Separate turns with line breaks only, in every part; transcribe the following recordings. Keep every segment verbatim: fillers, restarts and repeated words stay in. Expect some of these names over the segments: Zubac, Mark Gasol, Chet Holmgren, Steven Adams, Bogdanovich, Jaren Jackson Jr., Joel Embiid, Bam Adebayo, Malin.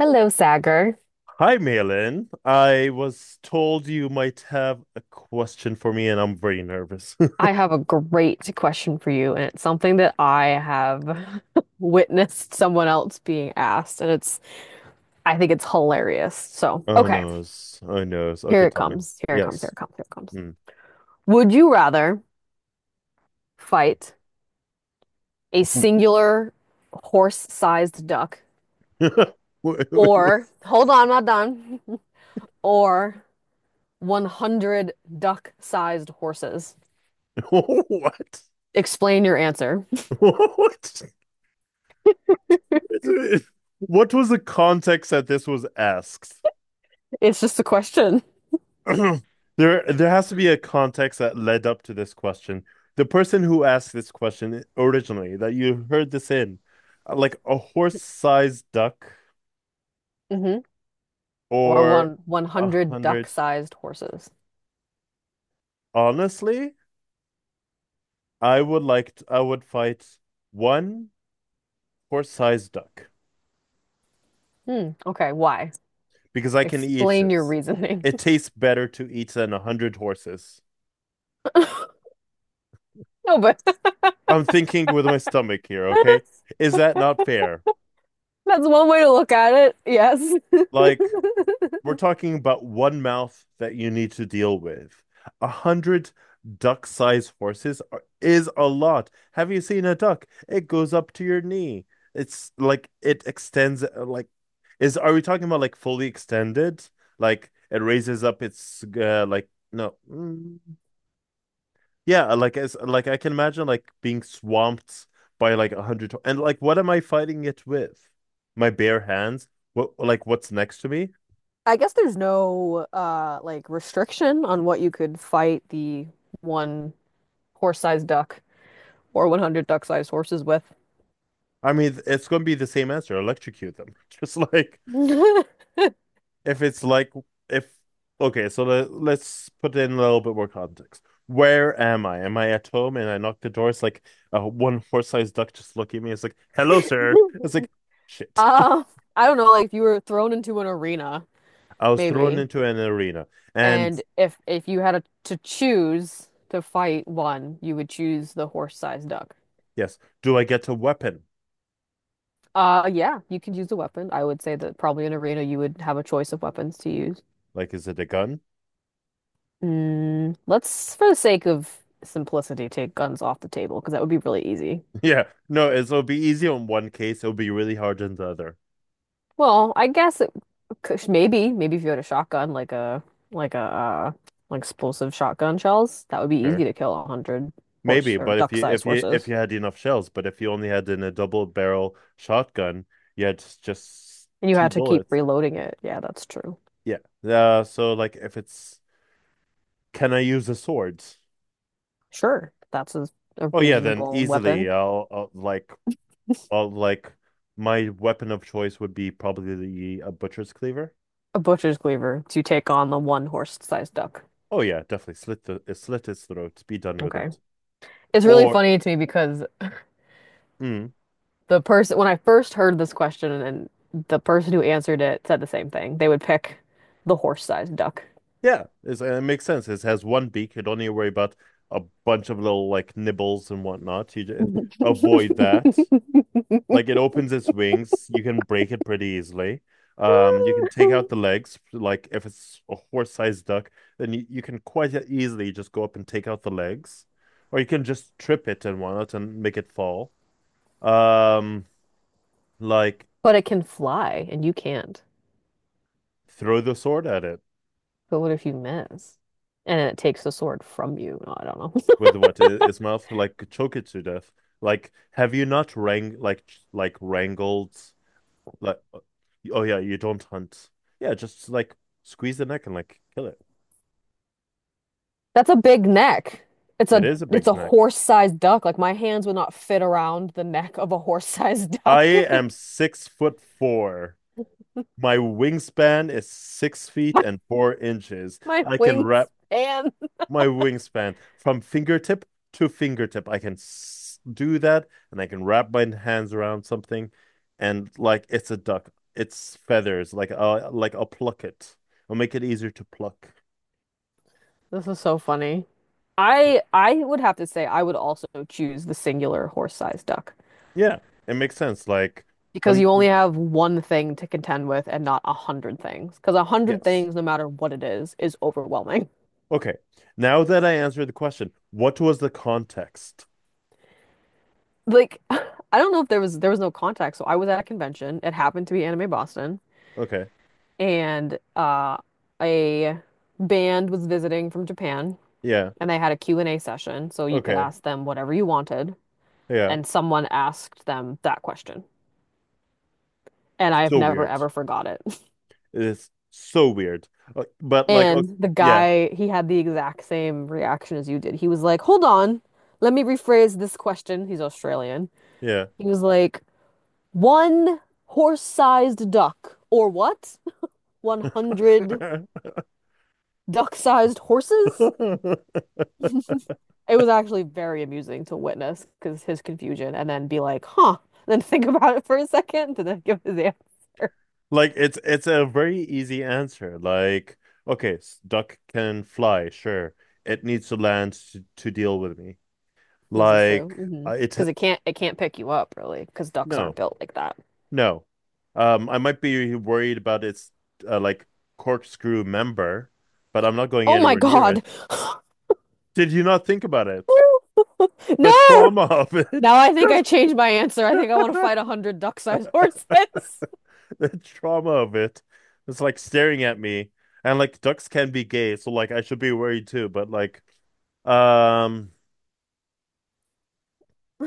Hello, Sagar.
Hi, Malin. I was told you might have a question for me, and I'm very nervous.
I have a great question for you, and it's something that I have witnessed someone else being asked, and it's, I think it's hilarious. So,
Oh
okay,
no, oh no. Okay,
here it
tell me.
comes. Here it comes. Here
Yes.
it comes. Here it comes.
Mm.
Would you rather fight a singular horse-sized duck
Wait, wait, wait.
or, hold on, I'm not done, or one hundred duck-sized horses?
What?
Explain your answer.
What? It's- What was the context that this was asked?
It's just a question.
There, there has to be a context that led up to this question. The person who asked this question originally, that you heard this in, like a horse-sized duck
Or
or
one
a
100
hundred.
duck-sized horses.
Honestly, I would like to, I would fight one horse-sized duck
Hmm. Okay, why?
because I can eat
Explain
it.
your reasoning.
It tastes better to eat than a hundred horses.
No, but
I'm thinking with my stomach here, okay?
that's
Is that not fair?
one way to look at it. Yes.
Like we're talking about one mouth that you need to deal with. A hundred duck-sized horses are, is a lot. Have you seen a duck? It goes up to your knee. It's like it extends. uh, Like, is are we talking about like fully extended? Like it raises up its uh, like no, mm, yeah. Like it's like I can imagine like being swamped by like a hundred and like what am I fighting it with? My bare hands? What like what's next to me?
I guess there's no uh like restriction on what you could fight the one horse-sized duck or one hundred duck-sized horses with.
I mean, it's going to be the same answer. Electrocute them. Just like if it's like if okay, so let, let's put in a little bit more context. Where am I? Am I at home? And I knock the door. It's like, uh, one horse-sized duck just looking at me. It's like, "Hello, sir." It's like, "Shit."
Uh, I don't know, like if you were thrown into an arena,
I was thrown
maybe.
into an arena. And
And if if you had a, to choose to fight one, you would choose the horse-sized duck.
yes, do I get a weapon?
Uh, yeah, you could use a weapon. I would say that probably in arena you would have a choice of weapons to use.
Like, is it a gun?
Mm, let's, for the sake of simplicity, take guns off the table because that would be really easy.
Yeah. No, it's, it'll be easy on one case. It'll be really hard in the other.
Well, I guess it, c- maybe maybe if you had a shotgun, like a like a uh, like explosive shotgun shells, that would be easy
Sure.
to kill a hundred horse
Maybe,
or
but if you if
duck-sized
you if
horses,
you had enough shells, but if you only had in a double barrel shotgun, you had just, just
and you
two
had to keep
bullets.
reloading it. Yeah, that's true.
Yeah. Uh, so like, if it's can I use a sword?
Sure, that's a, a
Oh yeah, then
reasonable
easily,
weapon.
I'll, I'll like I'll like my weapon of choice would be probably a butcher's cleaver.
A butcher's cleaver to take on the one horse-sized duck.
Oh yeah, definitely slit the uh, slit his throat, be done with
Okay.
it.
It's really
Or
funny to me because
mm,
the person, when I first heard this question and the person who answered it said the same thing. They would pick the horse-sized duck.
Yeah, it's, it makes sense. It has one beak. You don't need to worry about a bunch of little like nibbles and whatnot. You just avoid that. Like it opens its wings. You can break it pretty easily. Um, you can take out the legs. Like if it's a horse-sized duck, then you, you can quite easily just go up and take out the legs, or you can just trip it and whatnot and make it fall. Um, like
But it can fly and you can't.
throw the sword at it.
But what if you miss? And it takes the sword from you. No, I don't know.
With what, his mouth? Like, choke it to death. Like, have you not wrang like like wrangled like? Oh yeah, you don't hunt. Yeah, just like squeeze the neck and like kill it.
That's a big neck. It's
It
a
is a
it's
big
a
neck.
horse-sized duck. Like my hands would not fit around the neck of a horse-sized
I
duck.
am six foot four. My wingspan is six feet
My,
and four inches.
my
I can wrap
wingspan.
my wingspan from fingertip to fingertip. I can do that and I can wrap my hands around something, and like it's a duck. It's feathers. Like uh like I'll pluck it. I'll make it easier to pluck.
This is so funny. I I would have to say I would also choose the singular horse-sized duck
Yeah, it makes sense. Like
because
un
you only have one thing to contend with and not a hundred things. Because a hundred
yes.
things, no matter what it is, is overwhelming.
Okay. Now that I answered the question, what was the context?
Like I don't know if there was there was no contact. So I was at a convention. It happened to be Anime Boston.
Okay.
And uh, a band was visiting from Japan,
Yeah.
and they had a Q and a session, so you could
Okay.
ask them whatever you wanted,
Yeah.
and someone asked them that question. And I've
So
never
weird.
ever forgot it.
It is so weird. Uh, But like, okay,
And the
yeah.
guy, he had the exact same reaction as you did. He was like, "Hold on, let me rephrase this question." He's Australian. He was like, "One horse-sized duck, or what?
Yeah.
one hundred duck-sized horses?" It was actually very amusing to witness because his confusion and then be like, huh, and then think about it for a second and then give his answer.
Like, it's it's a very easy answer. Like, okay, s- duck can fly, sure. It needs to land to, to deal with me.
This is true.
Like,
Hmm.
uh, it
Because it can't it can't pick you up really because ducks aren't
no,
built like that.
no. Um, I might be worried about its uh, like corkscrew member, but I'm not going
Oh my
anywhere near
God.
it. Did you not think about it?
Woo!
The
No.
trauma of it.
Now I think I changed my answer. I think I want to fight a hundred duck-sized horses. I
The trauma of it. It's like staring at me. And like ducks can be gay, so like I should be worried too, but like, um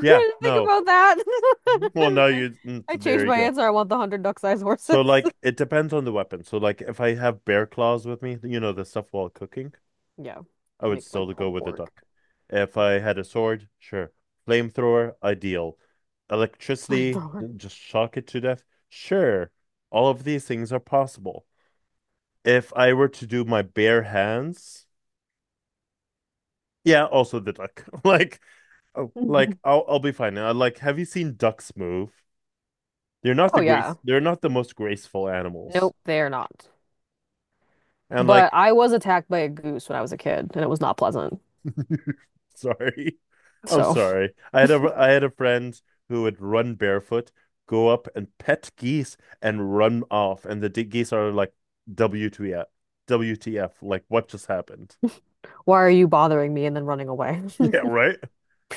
Yeah,
think
no.
about that.
Well, now
I,
you, mm, so
I
there
changed
you
my
go.
answer. I want the hundred duck-sized horses.
So like it depends on the weapon. So like if I have bear claws with me, you know, the stuff while cooking,
Yeah,
I
to
would
make like
still go
pulled
with a
pork.
duck. If I
Okay.
had a sword, sure. Flamethrower, ideal. Electricity,
Flamethrower.
just shock it to death. Sure. All of these things are possible. If I were to do my bare hands, yeah, also the duck. Like, oh, like I'll I'll be fine. I like have you seen ducks move? They're not the
Oh
grace.
yeah.
They're not the most graceful animals.
Nope, they are not.
And like,
But I was attacked by a goose when I was a kid, and it was not pleasant.
sorry, I'm
So,
sorry. I had a I had a friend who would run barefoot, go up and pet geese and run off, and the d- geese are like, W T F, W T F? Like, what just happened?
why are you bothering me and then running away?
Yeah, right.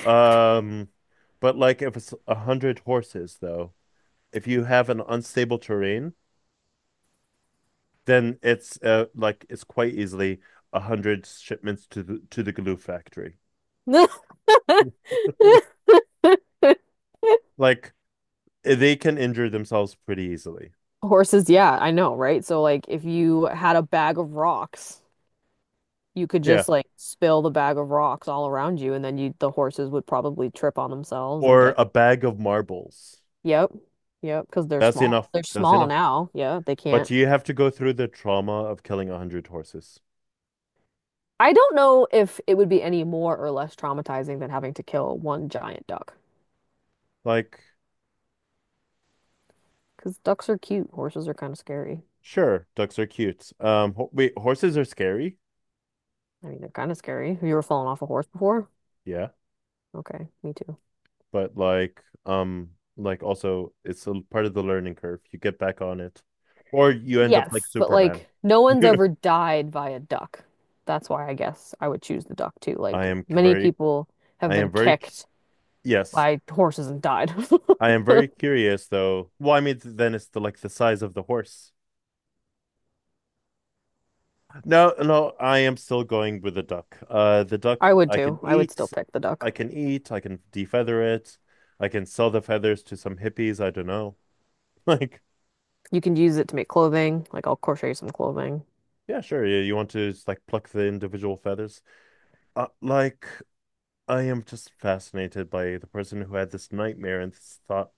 Um, but like, if it's a hundred horses though, if you have an unstable terrain, then it's uh like it's quite easily a hundred shipments to the to the glue factory. Like, they can injure themselves pretty easily.
Horses, yeah, I know, right? So, like, if you had a bag of rocks, you could
Yeah.
just like spill the bag of rocks all around you, and then you the horses would probably trip on themselves and
Or
get.
a bag of marbles.
Yep, yep, because they're
That's
small.
enough.
They're
That's
small
enough.
now. Yeah, they can't.
But you have to go through the trauma of killing a hundred horses.
I don't know if it would be any more or less traumatizing than having to kill one giant duck.
Like,
Because ducks are cute. Horses are kind of scary.
sure, ducks are cute. Um, ho- wait, horses are scary.
I mean, they're kind of scary. Have you ever fallen off a horse before?
Yeah,
Okay, me too.
but like, um, like also, it's a part of the learning curve. You get back on it, or you end up like
Yes, but
Superman.
like no one's ever died by a duck. That's why I guess I would choose the duck too.
I
Like
am
many
very,
people have
I
been
am very,
kicked
yes.
by horses and died.
I am very curious though. Well, I mean, then it's the like the size of the horse. No, no, I am still going with the duck. Uh, the
I
duck
would
I can
too. I would still
eat,
pick the duck.
I can eat, I can defeather it, I can sell the feathers to some hippies. I don't know. Like,
You can use it to make clothing. Like I'll crochet some clothing.
yeah, sure. You, you want to just like pluck the individual feathers? Uh, like, I am just fascinated by the person who had this nightmare and this thought.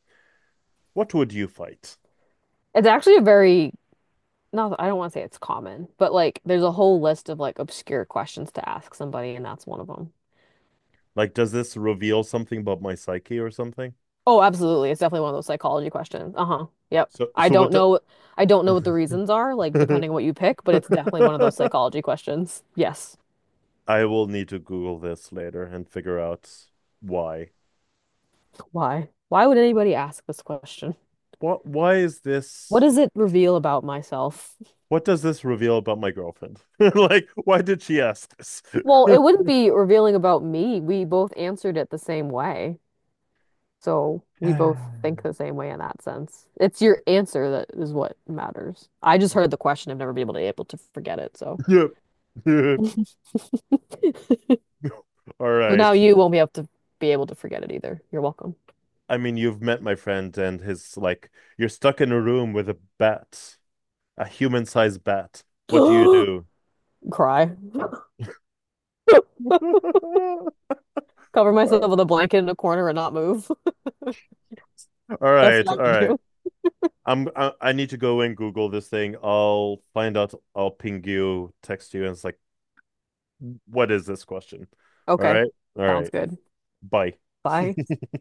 What would you fight?
It's actually a very, not, I don't want to say it's common, but like there's a whole list of like obscure questions to ask somebody, and that's one of them.
Like, does this reveal something about my psyche or something?
Oh, absolutely. It's definitely one of those psychology questions. Uh-huh. Yep.
So,
I
so
don't
what?
know I don't know what the reasons are, like
Do-
depending on what you pick, but it's definitely one of those psychology questions. Yes.
I will need to Google this later and figure out why.
Why? Why would anybody ask this question?
What? Why is
What
this?
does it reveal about myself?
What does this reveal about my girlfriend? Like, why did she ask this?
Well, it wouldn't be revealing about me. We both answered it the same way. So we both think the same way in that sense. It's your answer that is what matters. I just heard the question. I've never been able to able to forget it, so
Yep. Yep. All
Well, now
right.
you won't be able to be able to forget it either. You're welcome.
I mean, you've met my friend and his, like, you're stuck in a room with a bat, a human-sized bat. What do you do?
Cry. Cover myself
All
with a blanket in a corner and not move. That's
right, all
what I would
right.
do.
I'm I, I need to go and Google this thing. I'll find out. I'll ping you, text you, and it's like, what is this question? All
Okay.
right, all
Sounds
right.
good.
Bye.
Bye.